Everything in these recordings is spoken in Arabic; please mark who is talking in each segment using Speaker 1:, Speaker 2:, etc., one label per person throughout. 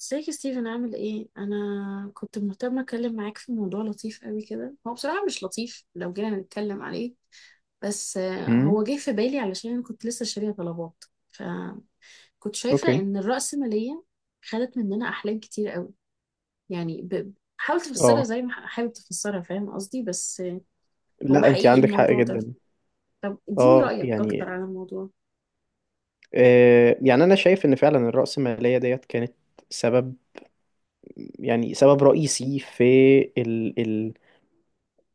Speaker 1: ازيك يا ستيفن؟ عامل ايه؟ انا كنت مهتمه اتكلم معاك في موضوع لطيف قوي كده. هو بصراحه مش لطيف لو جينا نتكلم عليه. بس
Speaker 2: امم
Speaker 1: هو جه في بالي علشان انا كنت لسه شاريه طلبات. فكنت شايفه
Speaker 2: اوكي.
Speaker 1: ان الرأسماليه خدت مننا احلام كتير قوي. يعني، حاول تفسرها
Speaker 2: اه
Speaker 1: زي ما حابب تفسرها، فاهم قصدي؟ بس هو
Speaker 2: لا، انت
Speaker 1: حقيقي
Speaker 2: عندك حق
Speaker 1: الموضوع ده.
Speaker 2: جدا.
Speaker 1: طب اديني
Speaker 2: اه
Speaker 1: رأيك
Speaker 2: يعني
Speaker 1: اكتر على الموضوع.
Speaker 2: انا شايف ان فعلا الرأسمالية ديت كانت سبب، يعني سبب رئيسي في ال ال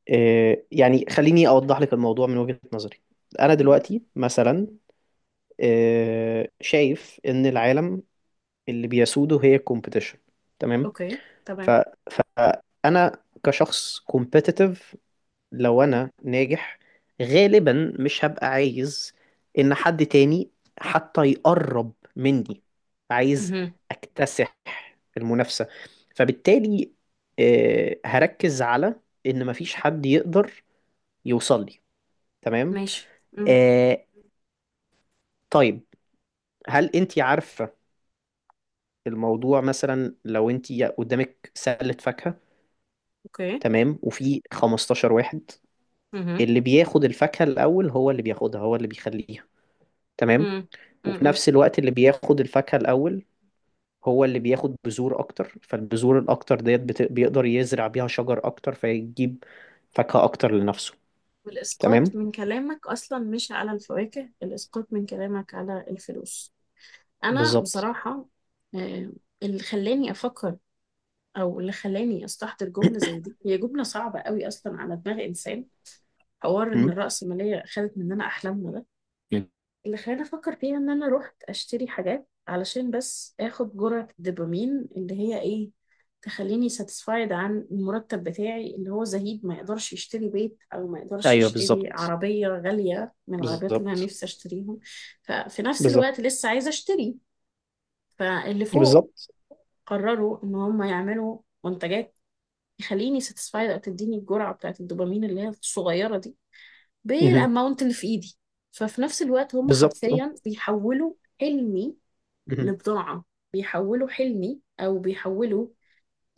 Speaker 2: آه يعني خليني اوضح لك الموضوع من وجهة نظري. انا
Speaker 1: يا ريت.
Speaker 2: دلوقتي مثلا شايف ان العالم اللي بيسوده هي الكومبيتيشن. تمام.
Speaker 1: اوكي،
Speaker 2: ف
Speaker 1: تمام.
Speaker 2: فانا كشخص competitive، لو انا ناجح غالبا مش هبقى عايز ان حد تاني حتى يقرب مني. عايز
Speaker 1: مهم.
Speaker 2: اكتسح المنافسة، فبالتالي هركز على ان مفيش حد يقدر يوصل لي. تمام.
Speaker 1: ماشي. مم.
Speaker 2: آه، طيب، هل انت عارفة الموضوع؟ مثلا لو انت قدامك سلة فاكهة،
Speaker 1: اوكي.
Speaker 2: تمام، وفي 15 واحد،
Speaker 1: مهم.
Speaker 2: اللي بياخد الفاكهة الاول هو اللي بياخدها، هو اللي بيخليها. تمام.
Speaker 1: مم.
Speaker 2: وفي
Speaker 1: مم.
Speaker 2: نفس الوقت اللي بياخد الفاكهة الأول هو اللي بياخد بذور أكتر، فالبذور الأكتر ديت بيقدر يزرع بيها شجر أكتر فيجيب فاكهة أكتر لنفسه.
Speaker 1: والإسقاط
Speaker 2: تمام.
Speaker 1: من كلامك أصلا مش على الفواكه، الإسقاط من كلامك على الفلوس. أنا
Speaker 2: بالظبط.
Speaker 1: بصراحة، آه، اللي خلاني أفكر، أو اللي خلاني أستحضر جملة زي دي، هي جملة صعبة قوي أصلا على دماغ إنسان. حوار إن
Speaker 2: مم.
Speaker 1: الرأسمالية خدت مننا أحلامنا ده اللي خلاني افكر فيها، ان انا رحت اشتري حاجات علشان بس اخد جرعة الدوبامين اللي هي ايه، تخليني ساتسفايد عن المرتب بتاعي، اللي هو زهيد ما يقدرش يشتري بيت، او ما يقدرش
Speaker 2: أيوه،
Speaker 1: يشتري
Speaker 2: بالظبط.
Speaker 1: عربية غالية من العربيات اللي انا
Speaker 2: بالظبط.
Speaker 1: نفسي اشتريهم. ففي نفس الوقت
Speaker 2: بالظبط.
Speaker 1: لسه عايزة اشتري. فاللي فوق
Speaker 2: بالظبط.
Speaker 1: قرروا ان هم يعملوا منتجات يخليني ساتسفايد، او تديني الجرعة بتاعت الدوبامين اللي هي الصغيرة دي،
Speaker 2: مهم.
Speaker 1: بالاماونت اللي في ايدي. ففي نفس الوقت هم
Speaker 2: بالظبط. أه.
Speaker 1: حرفيا بيحولوا حلمي
Speaker 2: مهم.
Speaker 1: لبضاعة. بيحولوا حلمي، او بيحولوا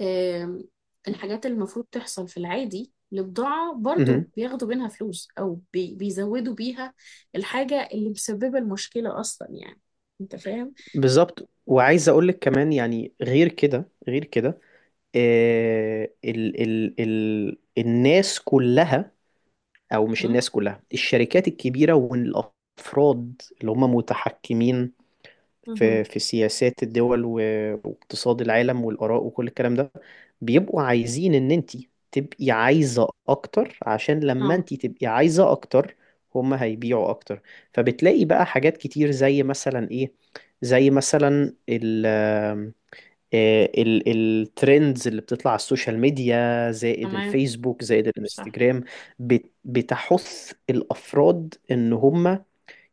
Speaker 1: آم، الحاجات اللي المفروض تحصل في العادي لبضاعة، برضو
Speaker 2: مهم.
Speaker 1: بياخدوا منها فلوس او بيزودوا بيها الحاجة اللي مسببة المشكلة اصلا، يعني. انت فاهم؟
Speaker 2: بالظبط، وعايز أقول لك كمان، يعني غير كده غير كده الناس كلها، او مش
Speaker 1: مم؟
Speaker 2: الناس كلها، الشركات الكبيره والافراد اللي هم متحكمين
Speaker 1: مهم.
Speaker 2: في سياسات الدول واقتصاد العالم والاراء وكل الكلام ده، بيبقوا عايزين ان انت تبقي عايزه اكتر، عشان لما
Speaker 1: اه.
Speaker 2: انت تبقي عايزه اكتر هم هيبيعوا اكتر. فبتلاقي بقى حاجات كتير زي مثلا آه، ال- الترندز اللي بتطلع على السوشيال ميديا زائد
Speaker 1: تمام.
Speaker 2: الفيسبوك زائد
Speaker 1: صح.
Speaker 2: الانستجرام. بتحث الأفراد إن هم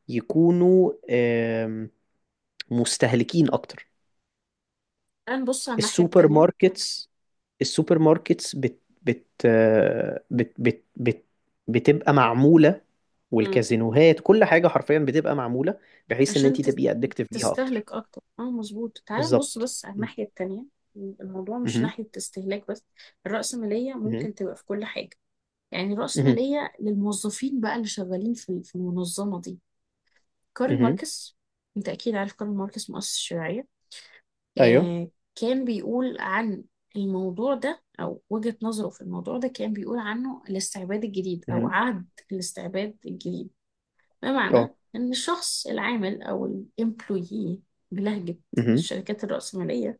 Speaker 2: يكونوا مستهلكين أكتر.
Speaker 1: الان بص على الناحية
Speaker 2: السوبر
Speaker 1: التانية.
Speaker 2: ماركتس السوبر ماركتس بت بت آه، بت بت بت بتبقى معمولة،
Speaker 1: مم.
Speaker 2: والكازينوهات كل حاجة حرفيا بتبقى معمولة بحيث إن
Speaker 1: عشان
Speaker 2: أنت تبقي أدكتيف ليها أكتر.
Speaker 1: تستهلك اكتر. اه مظبوط، تعال نبص
Speaker 2: بالظبط.
Speaker 1: بس على الناحية التانية. الموضوع مش
Speaker 2: مهم.
Speaker 1: ناحية استهلاك بس. الرأسمالية
Speaker 2: مهم.
Speaker 1: ممكن تبقى في كل حاجة. يعني
Speaker 2: مهم.
Speaker 1: الرأسمالية للموظفين بقى، اللي شغالين في المنظمة دي. كارل
Speaker 2: مهم.
Speaker 1: ماركس. انت اكيد عارف كارل ماركس، مؤسس الشيوعية.
Speaker 2: أيوه.
Speaker 1: آه كان بيقول عن الموضوع ده، او وجهة نظره في الموضوع ده كان بيقول عنه الاستعباد الجديد، او
Speaker 2: مهم.
Speaker 1: عهد الاستعباد الجديد. بمعنى
Speaker 2: أه.
Speaker 1: إن الشخص العامل أو الإمبلويي بلهجة
Speaker 2: مهم.
Speaker 1: الشركات الرأسمالية،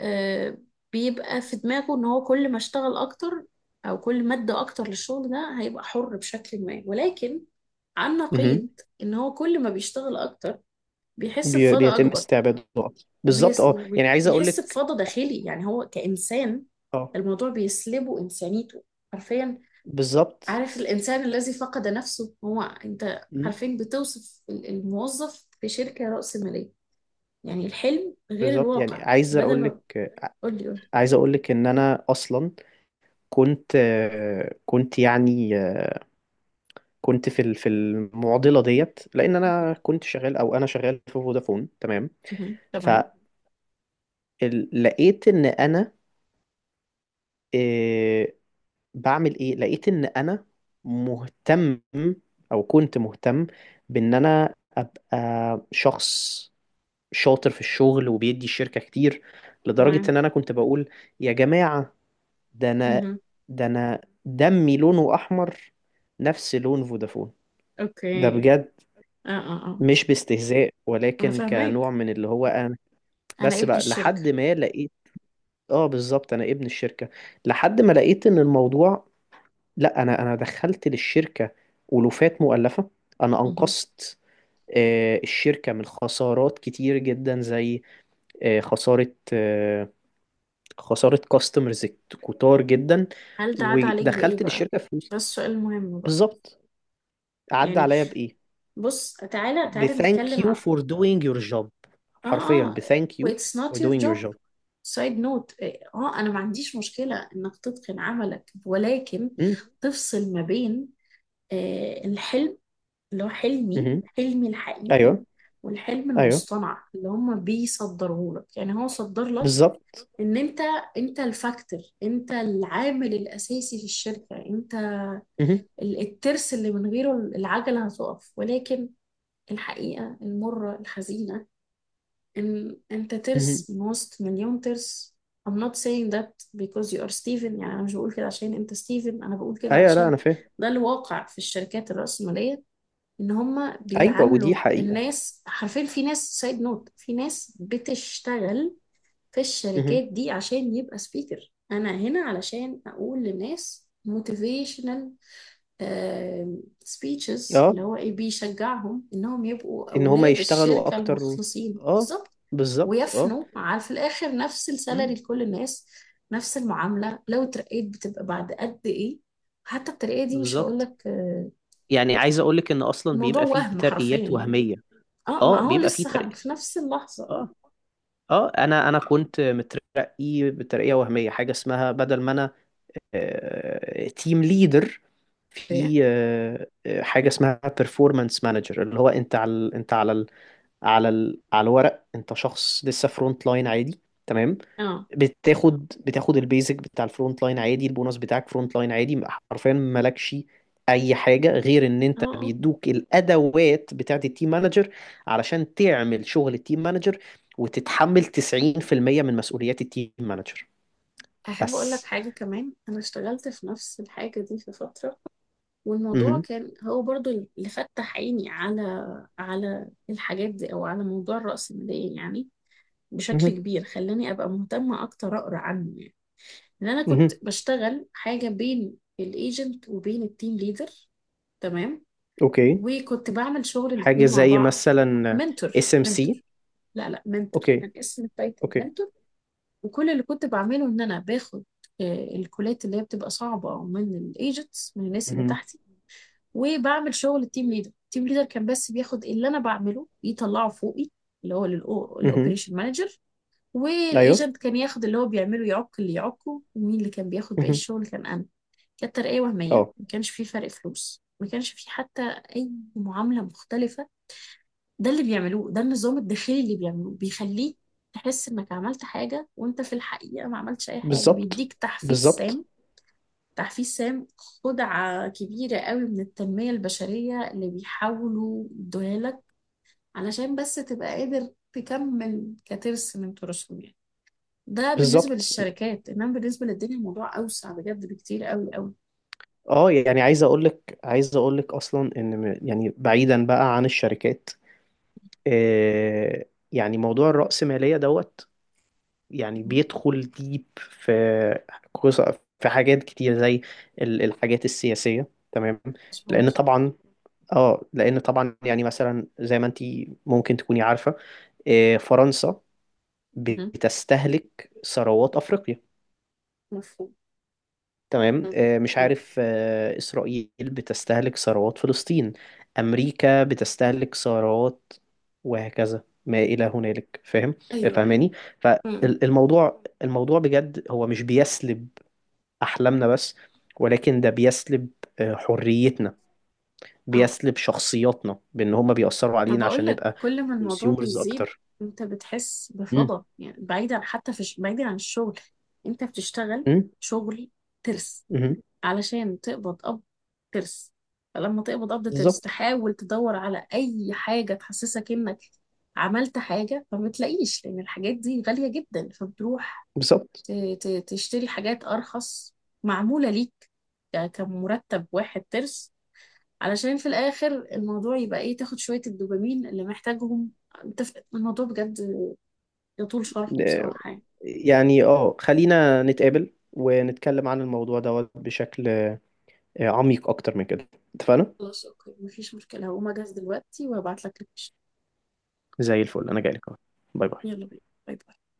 Speaker 1: آه، بيبقى في دماغه إن هو كل ما اشتغل أكتر، أو كل ما ادى أكتر للشغل ده، هيبقى حر بشكل ما. ولكن عن
Speaker 2: مهم.
Speaker 1: نقيض، إن هو كل ما بيشتغل أكتر بيحس
Speaker 2: بي-
Speaker 1: بفضا
Speaker 2: بيتم
Speaker 1: أكبر.
Speaker 2: استعباده أصلاً. بالظبط. اه يعني عايز اقول
Speaker 1: وبيحس
Speaker 2: لك.
Speaker 1: بفضا داخلي، يعني هو كإنسان.
Speaker 2: اه،
Speaker 1: الموضوع بيسلبه إنسانيته، حرفيا.
Speaker 2: بالظبط.
Speaker 1: عارف الإنسان الذي فقد نفسه؟ هو أنت.
Speaker 2: مم.
Speaker 1: عارفين بتوصف الموظف في شركة رأسمالية، يعني الحلم غير
Speaker 2: بالظبط، يعني
Speaker 1: الواقع.
Speaker 2: عايز
Speaker 1: بدل
Speaker 2: اقول لك
Speaker 1: ما قول لي، قول لي.
Speaker 2: عايز اقول لك ان انا اصلا كنت آه، كنت يعني آه، كنت في المعضله ديت، لان
Speaker 1: مهم.
Speaker 2: انا كنت شغال، او انا شغال في فودافون. تمام.
Speaker 1: مهم. تمام.
Speaker 2: فلقيت ان انا، آه، بعمل ايه، لقيت ان انا مهتم، او كنت مهتم بان انا ابقى شخص شاطر في الشغل وبيدي الشركة كتير، لدرجة
Speaker 1: تمام.
Speaker 2: ان انا كنت بقول: يا جماعة، ده انا
Speaker 1: مهم.
Speaker 2: ده انا دمي لونه احمر، نفس لون فودافون. ده
Speaker 1: أوكي.
Speaker 2: بجد،
Speaker 1: آه، آه، آه.
Speaker 2: مش باستهزاء،
Speaker 1: أنا
Speaker 2: ولكن كنوع
Speaker 1: فاهماك.
Speaker 2: من اللي هو انا.
Speaker 1: أنا
Speaker 2: بس
Speaker 1: ابن
Speaker 2: بقى
Speaker 1: الشركة.
Speaker 2: لحد ما لقيت. اه، بالظبط، انا ابن الشركة. لحد ما لقيت ان الموضوع، لا، انا دخلت للشركة ألوفات مؤلفة، انا
Speaker 1: مهم.
Speaker 2: انقذت الشركة من خسارات كتير جدا، زي آه، خسارة آه، خساره كاستمرز كتار جدا،
Speaker 1: هل ده عاد عليك بإيه
Speaker 2: ودخلت
Speaker 1: بقى؟
Speaker 2: للشركه فلوس.
Speaker 1: ده السؤال المهم بقى.
Speaker 2: بالظبط. عدى
Speaker 1: يعني،
Speaker 2: عليا بايه؟
Speaker 1: بص تعالى تعالى
Speaker 2: بثانك
Speaker 1: نتكلم.
Speaker 2: يو فور دوينج يور جوب.
Speaker 1: اه،
Speaker 2: حرفيا،
Speaker 1: اه.
Speaker 2: بثانك يو
Speaker 1: واتس
Speaker 2: فور
Speaker 1: نوت يور
Speaker 2: دوينج يور
Speaker 1: جوب.
Speaker 2: جوب.
Speaker 1: سايد نوت. اه انا ما عنديش مشكله انك تتقن عملك، ولكن تفصل ما بين الحلم، اللي هو حلمي حلمي الحقيقي،
Speaker 2: ايوه.
Speaker 1: والحلم
Speaker 2: ايوه،
Speaker 1: المصطنع اللي هم بيصدروه لك، يعني هو صدر لك
Speaker 2: بالظبط.
Speaker 1: ان انت الفاكتور، انت العامل الاساسي في الشركه، انت
Speaker 2: مهم.
Speaker 1: الترس اللي من غيره العجله هتقف. ولكن الحقيقه المره الحزينه ان انت
Speaker 2: مهم.
Speaker 1: ترس ماست مليون ترس. I'm not saying that because you are Steven. يعني انا مش بقول كده عشان انت ستيفن، انا بقول كده
Speaker 2: ايوه، لا،
Speaker 1: علشان
Speaker 2: انا فاهم.
Speaker 1: ده الواقع في الشركات الرأسمالية، ان هم
Speaker 2: ايوه، ودي
Speaker 1: بيعاملوا
Speaker 2: حقيقه.
Speaker 1: الناس حرفيا. في ناس، سايد نوت، في ناس بتشتغل في
Speaker 2: مهم.
Speaker 1: الشركات دي عشان يبقى سبيكر. انا هنا علشان اقول للناس موتيفيشنال سبيتشز
Speaker 2: اه،
Speaker 1: اللي هو ايه، بيشجعهم انهم يبقوا
Speaker 2: ان هما
Speaker 1: اولاد
Speaker 2: يشتغلوا
Speaker 1: الشركة
Speaker 2: اكتر و...
Speaker 1: المخلصين.
Speaker 2: اه،
Speaker 1: بالظبط.
Speaker 2: بالظبط. اه.
Speaker 1: ويفنوا على. في الاخر نفس السالري
Speaker 2: مم.
Speaker 1: لكل الناس، نفس المعامله. لو اترقيت بتبقى بعد قد ايه، حتى الترقيه دي مش هقول
Speaker 2: بالظبط،
Speaker 1: لك.
Speaker 2: يعني عايز اقول لك ان اصلا
Speaker 1: الموضوع
Speaker 2: بيبقى فيه
Speaker 1: وهم حرفيا،
Speaker 2: ترقيات
Speaker 1: يعني.
Speaker 2: وهميه.
Speaker 1: اه، ما
Speaker 2: اه،
Speaker 1: هو
Speaker 2: بيبقى فيه
Speaker 1: لسه
Speaker 2: ترقية.
Speaker 1: في نفس اللحظه. اه.
Speaker 2: اه. اه، انا كنت مترقي بترقيه وهميه، حاجه اسمها بدل ما انا تيم ليدر،
Speaker 1: إيه؟
Speaker 2: في حاجه اسمها performance manager، اللي هو انت على على الورق انت شخص لسه فرونت لاين عادي. تمام.
Speaker 1: اه،
Speaker 2: بتاخد البيزك بتاع الفرونت لاين عادي، البونص بتاعك فرونت لاين عادي. حرفيا مالكش اي حاجه غير ان
Speaker 1: اه،
Speaker 2: انت
Speaker 1: اه.
Speaker 2: بيدوك الادوات بتاعت التيم مانجر علشان تعمل شغل التيم مانجر، وتتحمل 90% من مسؤوليات التيم مانجر
Speaker 1: احب اقول لك
Speaker 2: بس.
Speaker 1: حاجه كمان، انا اشتغلت في نفس الحاجه دي في فتره، والموضوع
Speaker 2: مهم.
Speaker 1: كان هو برضو اللي فتح عيني على الحاجات دي، او على موضوع الرأسمالية، يعني بشكل
Speaker 2: مهم.
Speaker 1: كبير خلاني ابقى مهتمة اكتر اقرا عنه، يعني. ان انا كنت
Speaker 2: مهم.
Speaker 1: بشتغل حاجه بين الايجنت وبين التيم ليدر. تمام.
Speaker 2: اوكي.
Speaker 1: وكنت بعمل شغل
Speaker 2: حاجه
Speaker 1: الاتنين مع
Speaker 2: زي
Speaker 1: بعض.
Speaker 2: مثلا
Speaker 1: منتور،
Speaker 2: SMC.
Speaker 1: منتور. لا، لا. منتور
Speaker 2: اوكي.
Speaker 1: كان اسم التايتل،
Speaker 2: اوكي.
Speaker 1: منتور. وكل اللي كنت بعمله ان انا باخد الكولات اللي هي بتبقى صعبه، من الايجنتس، من الناس اللي
Speaker 2: مهم.
Speaker 1: تحتي. وبعمل شغل التيم ليدر. التيم ليدر كان بس بياخد اللي انا بعمله يطلعه فوقي، اللي هو
Speaker 2: مهم.
Speaker 1: للاوبريشن مانجر.
Speaker 2: ايوه.
Speaker 1: والايجنت كان ياخد اللي هو بيعمله، يعق اللي يعقه. ومين اللي كان بياخد باقي
Speaker 2: مهم.
Speaker 1: الشغل؟ كان انا. كانت ترقية وهمية،
Speaker 2: اه،
Speaker 1: ما كانش في فرق فلوس، ما كانش في حتى أي معاملة مختلفة. ده اللي بيعملوه، ده النظام الداخلي اللي بيعملوه، بيخليك تحس إنك عملت حاجة وإنت في الحقيقة ما عملتش أي حاجة.
Speaker 2: بالظبط.
Speaker 1: بيديك تحفيز
Speaker 2: بالظبط.
Speaker 1: سام. تحفيز سام، خدعة كبيرة قوي من التنمية البشرية اللي بيحاولوا يدوها لك علشان بس تبقى قادر تكمل كترس من تراثهم، يعني. ده بالنسبة
Speaker 2: بالظبط.
Speaker 1: للشركات، إنما بالنسبة للدنيا الموضوع أوسع بجد بكتير قوي قوي.
Speaker 2: اه يعني عايز اقول لك اصلا، ان يعني بعيدا بقى عن الشركات، آه يعني موضوع الرأسمالية دوت، يعني
Speaker 1: مهم.
Speaker 2: بيدخل ديب في قص- في حاجات كتير زي الحاجات السياسية. تمام. لان
Speaker 1: مظبوط.
Speaker 2: طبعا، يعني مثلا زي ما انت ممكن تكوني عارفة، فرنسا
Speaker 1: مهم.
Speaker 2: بتستهلك ثروات افريقيا.
Speaker 1: مفهوم.
Speaker 2: تمام.
Speaker 1: مم.
Speaker 2: مش
Speaker 1: مم.
Speaker 2: عارف، إسرائيل بتستهلك ثروات فلسطين، أمريكا بتستهلك ثروات، وهكذا ما إلى هنالك، فاهم؟
Speaker 1: ايوه، ايوه.
Speaker 2: فاهماني؟
Speaker 1: امم.
Speaker 2: فالموضوع، الموضوع بجد هو مش بيسلب أحلامنا بس، ولكن ده بيسلب حريتنا،
Speaker 1: اه،
Speaker 2: بيسلب شخصياتنا بأن هما بيأثروا
Speaker 1: ما
Speaker 2: علينا عشان
Speaker 1: بقولك،
Speaker 2: نبقى
Speaker 1: كل ما الموضوع
Speaker 2: كونسيومرز
Speaker 1: بيزيد
Speaker 2: أكتر.
Speaker 1: انت بتحس
Speaker 2: مم.
Speaker 1: بفضا، يعني بعيدا، حتى في بعيدا عن الشغل. انت بتشتغل
Speaker 2: مم.
Speaker 1: شغل ترس،
Speaker 2: مم.
Speaker 1: علشان تقبض قبض ترس. فلما تقبض قبض ترس،
Speaker 2: بالظبط.
Speaker 1: تحاول تدور على اي حاجة تحسسك انك عملت حاجة، فما بتلاقيش لان الحاجات دي غالية جدا، فبتروح
Speaker 2: بالظبط.
Speaker 1: تشتري حاجات ارخص معمولة ليك، كمرتب واحد ترس، علشان في الاخر الموضوع يبقى ايه، تاخد شوية الدوبامين اللي محتاجهم. انت، الموضوع بجد يطول شرحه
Speaker 2: آه،
Speaker 1: بصراحة، يعني.
Speaker 2: يعني خلينا نتقابل ونتكلم عن الموضوع دوت بشكل عميق اكتر من كده. اتفقنا.
Speaker 1: خلاص اوكي، مفيش مشكلة، هقوم اجهز دلوقتي وهبعت لك لوكيشن.
Speaker 2: زي الفل. انا جايلك اهو. باي باي.
Speaker 1: يلا بينا. باي باي.